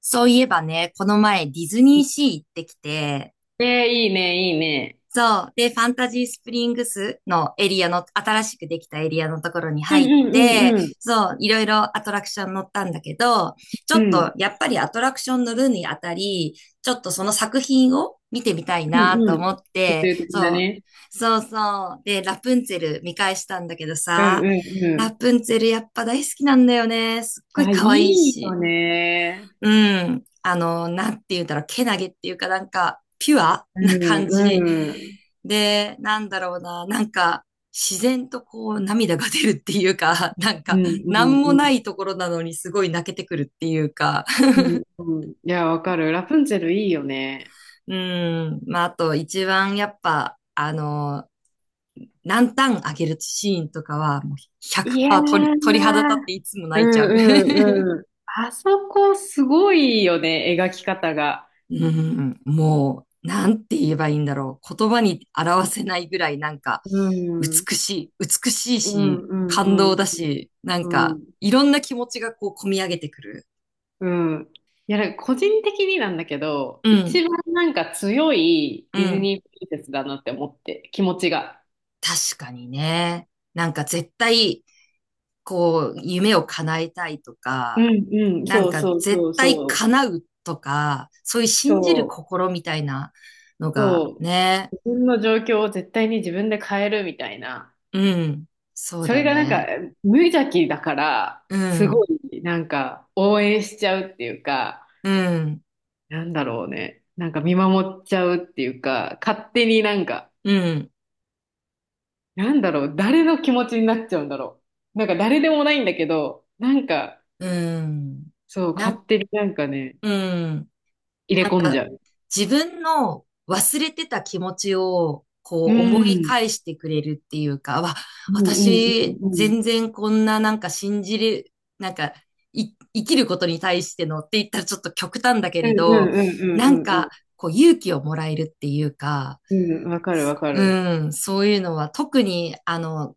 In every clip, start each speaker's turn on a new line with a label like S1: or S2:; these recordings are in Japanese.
S1: そういえばね、この前ディズニーシー行ってきて、
S2: ええ、いいね、いいね。
S1: そう。で、ファンタジースプリングスのエリアの、新しくできたエリアのところに
S2: うん
S1: 入っ
S2: うん
S1: て、
S2: うんうん。
S1: そう、いろいろアトラクション乗ったんだけど、ちょ
S2: う
S1: っと
S2: ん
S1: やっぱりアトラクション乗るにあたり、ちょっとその作品を見てみたい
S2: う
S1: な
S2: ん
S1: と
S2: うん。
S1: 思っ
S2: 普
S1: て、
S2: 通的な
S1: そう、
S2: ね。
S1: そうそう。で、ラプンツェル見返したんだけど
S2: うん
S1: さ、
S2: うん
S1: ラ
S2: う
S1: プンツェルやっぱ大好きなんだよね。すっご
S2: ん。
S1: い
S2: あ、い
S1: 可愛い
S2: いよ
S1: し。
S2: ね。
S1: うん。あの、なんて言うんだろう、けなげっていうか、なんか、ピュア
S2: う
S1: な感じ。
S2: んうん。
S1: で、なんだろうな、なんか、自然とこう、涙が出るっていうか、なん
S2: うん
S1: か、
S2: う
S1: なん
S2: ん
S1: も
S2: う
S1: な
S2: ん。
S1: いところなのにすごい泣けてくるっていうか、
S2: うんうん。いや、わかる。ラプンツェルいいよね。
S1: うん。まあ、あと、一番やっぱ、あの、ランタンあげるシーンとかは、もう
S2: いや
S1: 100%鳥、鳥
S2: ー。
S1: 肌立っていつも
S2: う
S1: 泣いち
S2: ん
S1: ゃう。
S2: うんうん。あそこすごいよね、描き方が。
S1: うん、もう、なんて言えばいいんだろう。言葉に表せないぐらい、なんか、
S2: う
S1: 美
S2: ん。
S1: しい、美しい
S2: う
S1: し、
S2: んう
S1: 感
S2: ん
S1: 動だし、なん
S2: うんう
S1: か、
S2: ん。
S1: いろんな気持ちがこう、込み上げてくる。
S2: うん。いや、なんか個人的になんだけど、
S1: うん、
S2: 一番なんか強い
S1: う
S2: ディズ
S1: ん。
S2: ニープリンセスだなって思って、気持ちが。
S1: 確かにね。なんか、絶対、こう、夢を叶えたいと
S2: う
S1: か、
S2: んうん、
S1: な
S2: そ
S1: ん
S2: う
S1: か、
S2: そう
S1: 絶
S2: そう
S1: 対
S2: そう。
S1: 叶うとか、そういう信じる
S2: そう、
S1: 心みたいなのが、
S2: そう。
S1: ね。
S2: 自分の状況を絶対に自分で変えるみたいな。
S1: うん、そう
S2: そ
S1: だ
S2: れがなんか
S1: ね。
S2: 無邪気だから、
S1: う
S2: すご
S1: ん、
S2: いなんか応援しちゃうっていうか、
S1: うん、
S2: なんだろうね。なんか見守っちゃうっていうか、勝手になんか
S1: うん。
S2: なんだろう、誰の気持ちになっちゃうんだろう。なんか誰でもないんだけど、なんか、
S1: うん。
S2: そう、
S1: な
S2: 勝
S1: ん、
S2: 手になんかね、
S1: うん。
S2: 入れ
S1: なん
S2: 込んじ
S1: か、
S2: ゃう。
S1: 自分の忘れてた気持ちを、こ
S2: う
S1: う思い
S2: ん。
S1: 返してくれるっていうか、
S2: うんうん
S1: 私、
S2: うんう
S1: 全
S2: ん。
S1: 然こんななんか信じる、なんか、生きることに対してのって言ったらちょっと極端だけ
S2: うん
S1: れ
S2: うん
S1: ど、
S2: う
S1: なん
S2: んうん
S1: か、
S2: う
S1: こう勇気をもらえるっていうか、
S2: ん。うん、わかるわか
S1: う
S2: る。
S1: ん、そういうのは特にあの、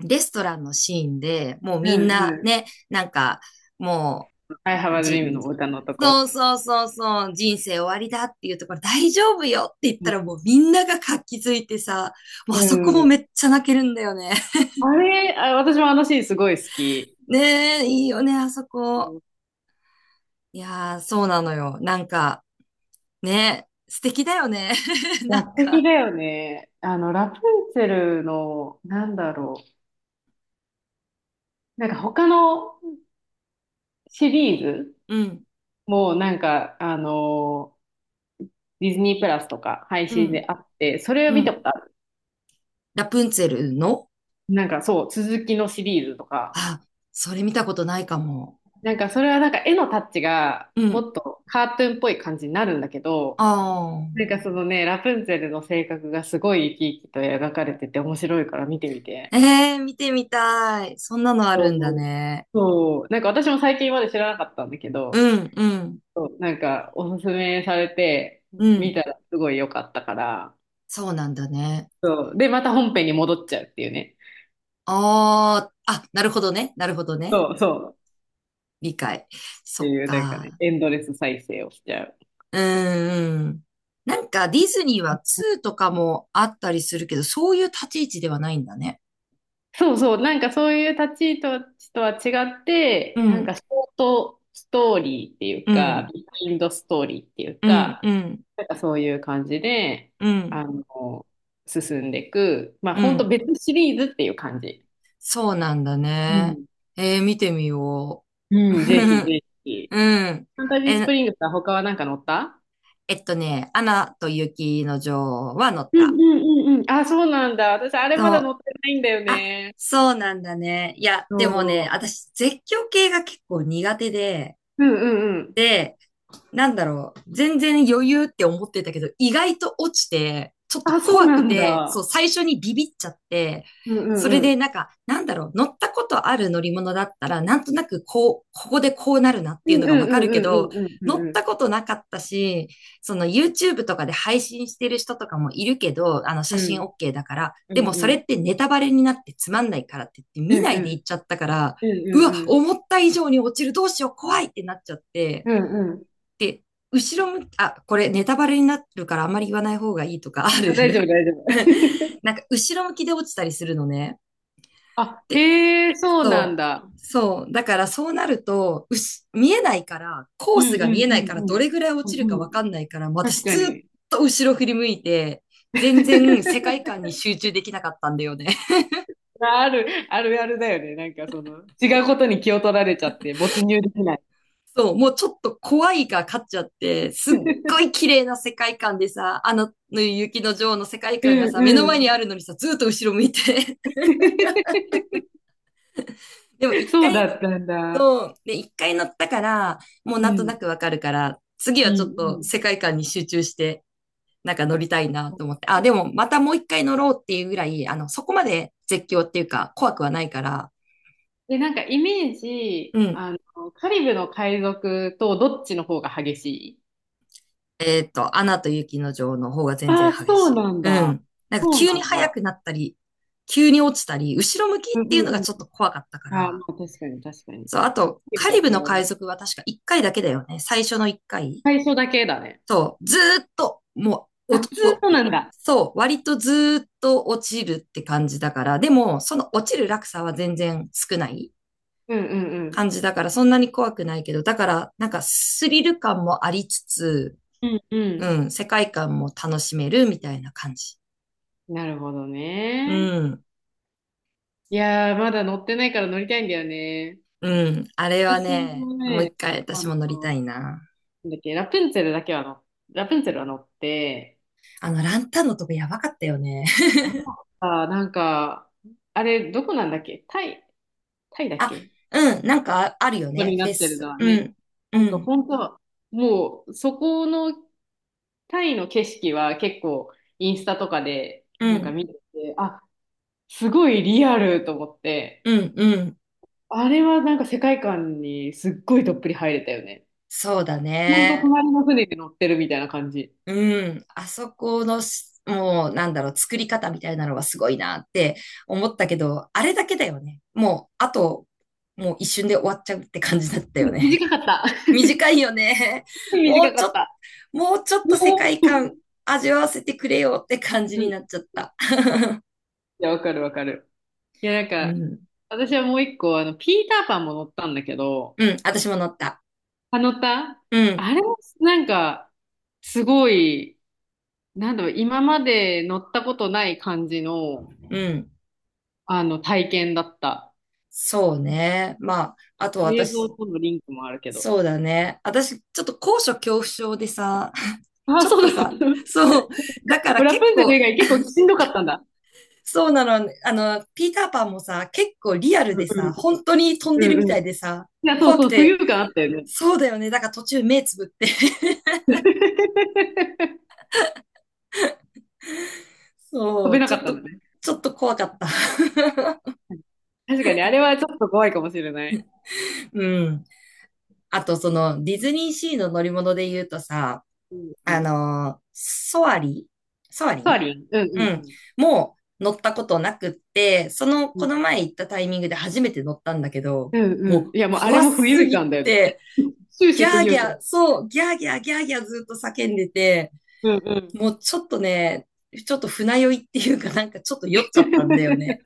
S1: レストランのシーンで、もう
S2: うん
S1: みんな
S2: うん。
S1: ね、なんか、も
S2: I
S1: う、
S2: have a
S1: じ、
S2: dream の歌のとこ。
S1: そうそうそうそう、人生終わりだっていうところ、大丈夫よって言った
S2: う
S1: らもうみんなが活気づいてさ、もう
S2: ん。
S1: あ
S2: う
S1: そこも
S2: ん
S1: めっちゃ泣けるんだよね。
S2: あれ、あ、私もあのシーンすごい好き。
S1: ねえ、いいよね、あそ
S2: う
S1: こ。
S2: ん
S1: いやー、そうなのよ。なんか、ね、素敵だよね。
S2: い
S1: な
S2: や、
S1: ん
S2: 素敵
S1: か、
S2: だよね。あの、ラプンツェルの、なんだろう。なんか他のシリーズ
S1: うん、
S2: もなんか、あのディズニープラスとか配
S1: う
S2: 信
S1: ん、
S2: であって、それを
S1: う
S2: 見た
S1: ん。
S2: ことある。
S1: ラプンツェルの
S2: なんかそう、続きのシリーズとか。
S1: あ、それ見たことないかも。
S2: なんかそれはなんか絵のタッチが
S1: うん。
S2: もっとカートゥーンっぽい感じになるんだけ
S1: あ
S2: ど、なん
S1: あ。
S2: かそのね、ラプンツェルの性格がすごい生き生きと描かれてて面白いから見てみて。
S1: ええー見てみたい。そんなのあ
S2: そ
S1: るんだ
S2: う。
S1: ね。
S2: そう。なんか私も最近まで知らなかったんだけど、
S1: うん、うん、
S2: そう、なんかおすすめされて
S1: う
S2: 見
S1: ん。
S2: たらすごい良かったから、
S1: そうなんだね。
S2: そう。で、また本編に戻っちゃうっていうね。
S1: なるほどね。なるほどね。
S2: そうそう。
S1: 理解。
S2: っ
S1: そ
S2: て
S1: っ
S2: いう、なんかね、
S1: か。
S2: エンドレス再生をしちゃう。
S1: うん、うん。なんかディズニーは2とかもあったりするけど、そういう立ち位置ではないんだね。
S2: そうそう、なんかそういう立ち位置とは違っ
S1: う
S2: て、なん
S1: ん、
S2: かショートストーリーっていう
S1: うん、
S2: か、ビハインドストーリーっていう
S1: うん、
S2: か、
S1: うん、
S2: なんかそういう感じで、
S1: うん、
S2: あの、進んでいく、まあ
S1: う
S2: 本当
S1: ん。
S2: 別シリーズっていう感じ。
S1: そうなんだ
S2: う
S1: ね。
S2: ん。
S1: ええ見てみよう。
S2: うん、ぜひ ぜひ。
S1: うん。
S2: ファンタジースプ
S1: え、
S2: リングスは他はなんか乗った
S1: えっとね、アナと雪の女王は乗っ
S2: う
S1: た。
S2: んうんうんうん。あ、そうなんだ。私、あれま
S1: そ
S2: だ乗
S1: う。
S2: ってないんだよ
S1: あ、
S2: ね。
S1: そうなんだね。いや、
S2: そ
S1: でもね、
S2: う。
S1: 私、絶叫系が結構苦手で、
S2: うんうんうん。
S1: で、なんだろう、全然余裕って思ってたけど、意外と落ちて、ちょっと
S2: あ、そう
S1: 怖
S2: な
S1: く
S2: ん
S1: て、そう、
S2: だ。
S1: 最初にビビっちゃって、
S2: うんう
S1: それ
S2: んう
S1: で
S2: ん。
S1: なんか、なんだろう、乗ったことある乗り物だったら、なんとなくこう、ここでこうなるなっ
S2: う
S1: ていう
S2: ん
S1: の
S2: う
S1: がわ
S2: ん
S1: か
S2: う
S1: るけ
S2: ん
S1: ど、
S2: うんう
S1: 乗っ
S2: んうん
S1: たことなかったし、その YouTube とかで配信してる人とかもいるけど、あの
S2: う
S1: 写真
S2: ん
S1: OK だから、
S2: う
S1: でも
S2: んう
S1: そ
S2: んう
S1: れ
S2: ん
S1: ってネタバレになってつまんないからって言って
S2: うん
S1: 見
S2: う
S1: ないで
S2: ん
S1: 行っちゃったから、
S2: う
S1: う
S2: ん
S1: わ、
S2: うん
S1: 思った以上に落ちる、どうしよう、怖いってなっちゃって、
S2: うんうん
S1: で、後ろ向き、あ、これネタバレになるからあんまり言わない方がいいとかあ
S2: あ大丈夫
S1: る？
S2: 大丈 夫
S1: なんか後ろ向きで落ちたりするのね。
S2: あ
S1: で、
S2: へえそうなん
S1: そ
S2: だ
S1: う。そう。だからそうなると、見えないから、コ
S2: う
S1: ー
S2: ん
S1: ス
S2: う
S1: が見え
S2: ん
S1: な
S2: う
S1: いから、
S2: んう
S1: ど
S2: ん
S1: れぐらい落
S2: う
S1: ちる
S2: んう
S1: か
S2: ん
S1: わかんないから、
S2: 確
S1: 私
S2: か
S1: ずっ
S2: に
S1: と後ろ振り向いて、全然世界観に集中できなかったんだよね。
S2: あるあるあるだよねなんかその違うことに気を取られちゃって没入できない
S1: そう、もうちょっと怖いが勝っちゃって、すっ ごい綺麗な世界観でさ、あの雪の女王の世界
S2: う
S1: 観がさ、
S2: ん
S1: 目の
S2: う
S1: 前
S2: ん
S1: にあるのにさ、ずっと後ろ向いて。でも一
S2: そう
S1: 回乗
S2: だ
S1: る
S2: ったんだ
S1: と、で、一回乗ったから、もう
S2: う
S1: なんとな
S2: ん
S1: くわかるから、次
S2: うん
S1: はちょっ
S2: う
S1: と世
S2: ん
S1: 界観に集中して、なんか乗りたいなと思って。あ、でもまたもう一回乗ろうっていうぐらい、あの、そこまで絶叫っていうか怖くはないから、
S2: で、なんかイメージ、
S1: うん、
S2: あの、カリブの海賊とどっちの方が激しい
S1: えっと、アナと雪の女王の方が全
S2: あ
S1: 然
S2: あ、
S1: 激
S2: そ
S1: し
S2: う
S1: い。
S2: なん
S1: う
S2: だ。
S1: ん。なんか
S2: そう
S1: 急
S2: な
S1: に
S2: ん
S1: 速
S2: だ。
S1: くなったり、急に落ちたり、後ろ向き
S2: う
S1: っ
S2: ん
S1: ていう
S2: う
S1: のが
S2: んうん。
S1: ちょっと怖かったか
S2: ああ、ま
S1: ら。
S2: あ確かに確かに。カ
S1: そう、あと、
S2: リ
S1: カ
S2: ブ
S1: リ
S2: は
S1: ブ
S2: それ
S1: の海
S2: は
S1: 賊は確か1回だけだよね。最初の1回。
S2: 最初だけだね。
S1: そう、ずーっと、もう、
S2: あ、ずーっとなんだ。
S1: そう、割とずーっと落ちるって感じだから、でも、その落ちる落差は全然少ない
S2: うんうん
S1: 感じだから、そんなに怖くないけど、だから、なんかスリル感もありつつ、
S2: うん。うん
S1: う
S2: う
S1: ん、世界観も楽しめるみたいな感じ。
S2: ん。なるほど
S1: う
S2: ね。
S1: ん、
S2: いやー、まだ乗ってないから乗りたいんだよね。
S1: うん。あれは
S2: 私
S1: ね、
S2: も
S1: もう
S2: ね、
S1: 一回
S2: あ
S1: 私
S2: の、
S1: も乗りたいな。
S2: なんだっけ、ラプンツェルだけは乗、ラプンツェルは乗って、
S1: あの、ランタンのとこやばかったよね。
S2: あ、なんか、あれ、どこなんだっけタイ、タイだ っ
S1: あ、
S2: け
S1: うん、なんかああるよ
S2: こと
S1: ね、
S2: にな
S1: フ
S2: っ
S1: ェ
S2: てるの
S1: ス。
S2: は
S1: う
S2: ね。
S1: ん、
S2: な
S1: う
S2: んか
S1: ん、
S2: 本当、もうそこのタイの景色は結構インスタとかで
S1: う
S2: なんか
S1: ん、
S2: 見てて、あ、すごいリアルと思って、
S1: うん、うん。
S2: あれはなんか世界観にすっごいどっぷり入れたよね。
S1: そうだ
S2: ほんと
S1: ね。
S2: 隣の船に乗ってるみたいな感じ。
S1: うん、あそこのし、もう、なんだろう、作り方みたいなのがすごいなって思ったけど、あれだけだよね。もう、あと、もう一瞬で終わっちゃうって感じだったよ
S2: うん
S1: ね。
S2: 短かった。
S1: 短いよね。も
S2: 短
S1: う
S2: か
S1: ち
S2: っ
S1: ょっ
S2: た。
S1: もうちょ っ
S2: う
S1: と世界
S2: お
S1: 観味わわせてくれよって感じ
S2: う
S1: に
S2: ん
S1: なっ
S2: い
S1: ちゃった。
S2: や、わかるわかる。いや、なん
S1: う
S2: か、
S1: ん。
S2: 私はもう一個、あの、ピーターパンも乗ったんだけど、
S1: うん、私も乗った。
S2: あのた
S1: うん、
S2: あれ、なんか、すごい、なんだろう、今まで乗ったことない感じの、
S1: うん。
S2: あの、体験だった。
S1: そうね。まあ、あと
S2: 映像
S1: 私、
S2: とのリンクもあるけど。
S1: そうだね。私、ちょっと高所恐怖症でさ、ち
S2: あ、
S1: ょ
S2: そ
S1: っと
S2: う
S1: さ、
S2: だ。
S1: そう、だか ら
S2: ラ
S1: 結
S2: プンツェル以
S1: 構、
S2: 外結構しんどかったんだ。
S1: そうなの、あの、ピーターパンもさ、結構リアル
S2: うん
S1: で
S2: う
S1: さ、
S2: ん。
S1: 本当に飛んで
S2: う
S1: るみ
S2: ん
S1: た
S2: うん。
S1: い
S2: い
S1: でさ、
S2: や、そう
S1: 怖く
S2: そう、浮
S1: て、
S2: 遊感あったよね。
S1: そうだよね。だから途中目つぶって、
S2: 飛
S1: そ
S2: べ
S1: う、
S2: な
S1: ち
S2: か
S1: ょ
S2: っ
S1: っ
S2: たん
S1: と、
S2: だね。
S1: ちょっと怖かった。
S2: 確かに、あれはちょっと怖いかもしれない。
S1: うん。あと、その、ディズニーシーの乗り物で言うとさ、
S2: うんう
S1: あ
S2: ん。
S1: のーソアリソアリ
S2: ソア
S1: ン、
S2: リン。うんう
S1: う
S2: ん
S1: ん。
S2: うん。
S1: もう乗ったことなくって、その、
S2: う
S1: こ
S2: ん
S1: の前行ったタイミングで初めて乗ったんだけど、
S2: うんう
S1: も
S2: ん。
S1: う
S2: いや、もうあれ
S1: 怖
S2: も浮
S1: す
S2: 遊
S1: ぎ
S2: 感だよね。
S1: て、
S2: 終
S1: ギ
S2: 始浮
S1: ャーギ
S2: 遊
S1: ャー、
S2: 感。
S1: そう、ギャーギャー、ギャーギャーずっと叫んでて、
S2: うんうん。
S1: もうちょっとね、ちょっと船酔いっていうかなんかちょっと酔っちゃったんだよ
S2: い
S1: ね。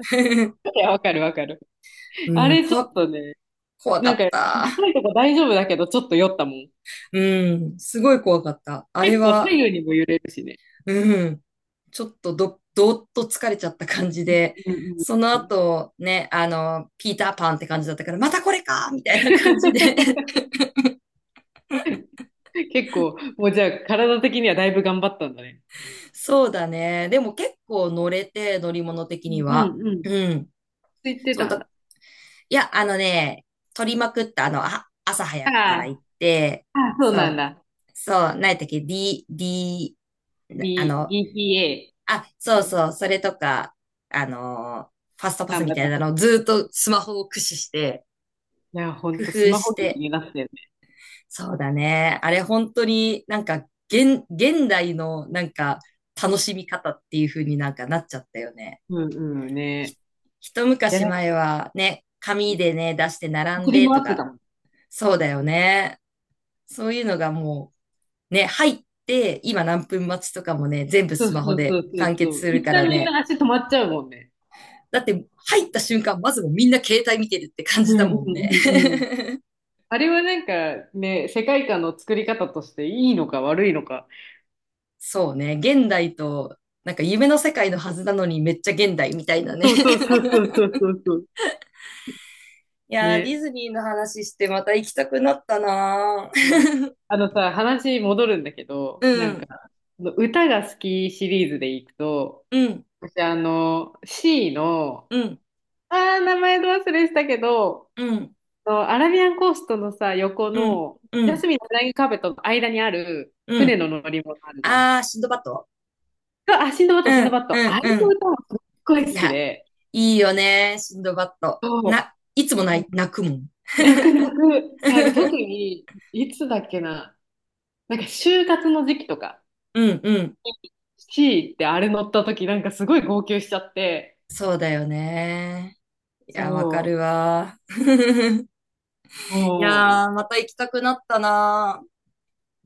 S2: や、わかるわかる。あ
S1: うん、
S2: れちょっとね、
S1: 怖か
S2: なんか、
S1: った。
S2: 高いとこ大丈夫だけど、ちょっと酔ったもん。
S1: うん、すごい怖かった。あれ
S2: 結構
S1: は、
S2: 左右にも揺れるしね。
S1: うん。ちょっとど、どーっと疲れちゃった感じで、
S2: うん
S1: その
S2: うん。
S1: 後ね、あの、ピーターパンって感じだったから、またこれかみたいな感じで。
S2: 結構、もうじゃあ、体的にはだいぶ頑張ったんだね。
S1: そうだね。でも結構乗れて、乗り物的に
S2: う
S1: は。
S2: んうん
S1: うん。
S2: ついて
S1: そう
S2: たんだ。
S1: だ。いや、あのね、取りまくった、あの、あ、朝早
S2: あ
S1: くから行って、
S2: あ、ああそう
S1: そ
S2: なん
S1: う、
S2: だ。
S1: そう、何やったっけ ?D、D、
S2: B、
S1: なあの、
S2: BPA。
S1: あ、そうそう、それとか、あの、ファストパス
S2: 頑
S1: み
S2: 張っ
S1: た
S2: た。
S1: いなのを
S2: い
S1: ずーっとスマホを駆使して、
S2: や、ほん
S1: 工
S2: と、ス
S1: 夫
S2: マ
S1: し
S2: ホ機
S1: て。
S2: になったよね。
S1: そうだね。あれ本当になんか現代のなんか楽しみ方っていう風になんかなっちゃったよね。
S2: うんうん
S1: ひ
S2: ね。
S1: 一
S2: で、
S1: 昔
S2: なんか、
S1: 前はね、紙でね、出して並ん
S2: 振り
S1: で
S2: 回
S1: と
S2: ってた
S1: か、
S2: もん。
S1: そうだよね。そういうのがもうね、入って今何分待ちとかもね、全部
S2: そう
S1: ス
S2: そ
S1: マホ
S2: うそ
S1: で
S2: うそ
S1: 完
S2: うそ
S1: 結
S2: う。
S1: する
S2: 一
S1: か
S2: 旦
S1: ら
S2: みん
S1: ね。
S2: な足止まっちゃうもんね。
S1: だって入った瞬間、まずもうみんな携帯見てるって感
S2: う
S1: じ
S2: ん
S1: だ
S2: うん
S1: もんね。
S2: うんうん。あれはなんかね、世界観の作り方としていいのか悪いのか。
S1: そうね。現代と、なんか夢の世界のはずなのにめっちゃ現代みたいなね。
S2: そうそうそうそう そうそうそう。
S1: いやー、ディ
S2: ね。
S1: ズニーの話してまた行きたくなったな
S2: うん。
S1: ー。
S2: あのさ、話戻るんだけ
S1: う
S2: ど、なんか、
S1: ん、
S2: 歌が好きシリーズでいくと、
S1: うん、
S2: 私あの、C の、
S1: うん、
S2: あー、名前ど忘れしたけど、
S1: うん、
S2: あのアラビアンコーストのさ、横
S1: うん、
S2: の、
S1: う
S2: ジャ
S1: ん、
S2: スミンのフライングカーペットの間にある
S1: う
S2: 船
S1: ん。
S2: の乗り物あるじゃない。
S1: あー、シンドバッド、
S2: あ、シンドバッ
S1: う
S2: ド、シンド
S1: ん、
S2: バッド。
S1: うん、
S2: あれ
S1: う
S2: の
S1: ん。
S2: 歌もすっごい
S1: い
S2: 好き
S1: や、
S2: で、
S1: いいよねー、シンドバッド。
S2: そう。
S1: いつも泣くもん。
S2: 泣く泣く。なんか特 に、いつだっけな。なんか就活の時期とか、
S1: うん、うん。
S2: C ってあれ乗った時なんかすごい号泣しちゃって、
S1: そうだよねー。いや、わか
S2: そ
S1: るわー。い
S2: う。もう、
S1: やー、また行きたくなったなー。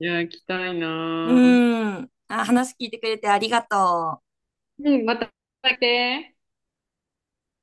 S2: いや、行きたい
S1: う
S2: なぁ。
S1: ん。あ、話聞いてくれてありがとう。
S2: うん、また来て。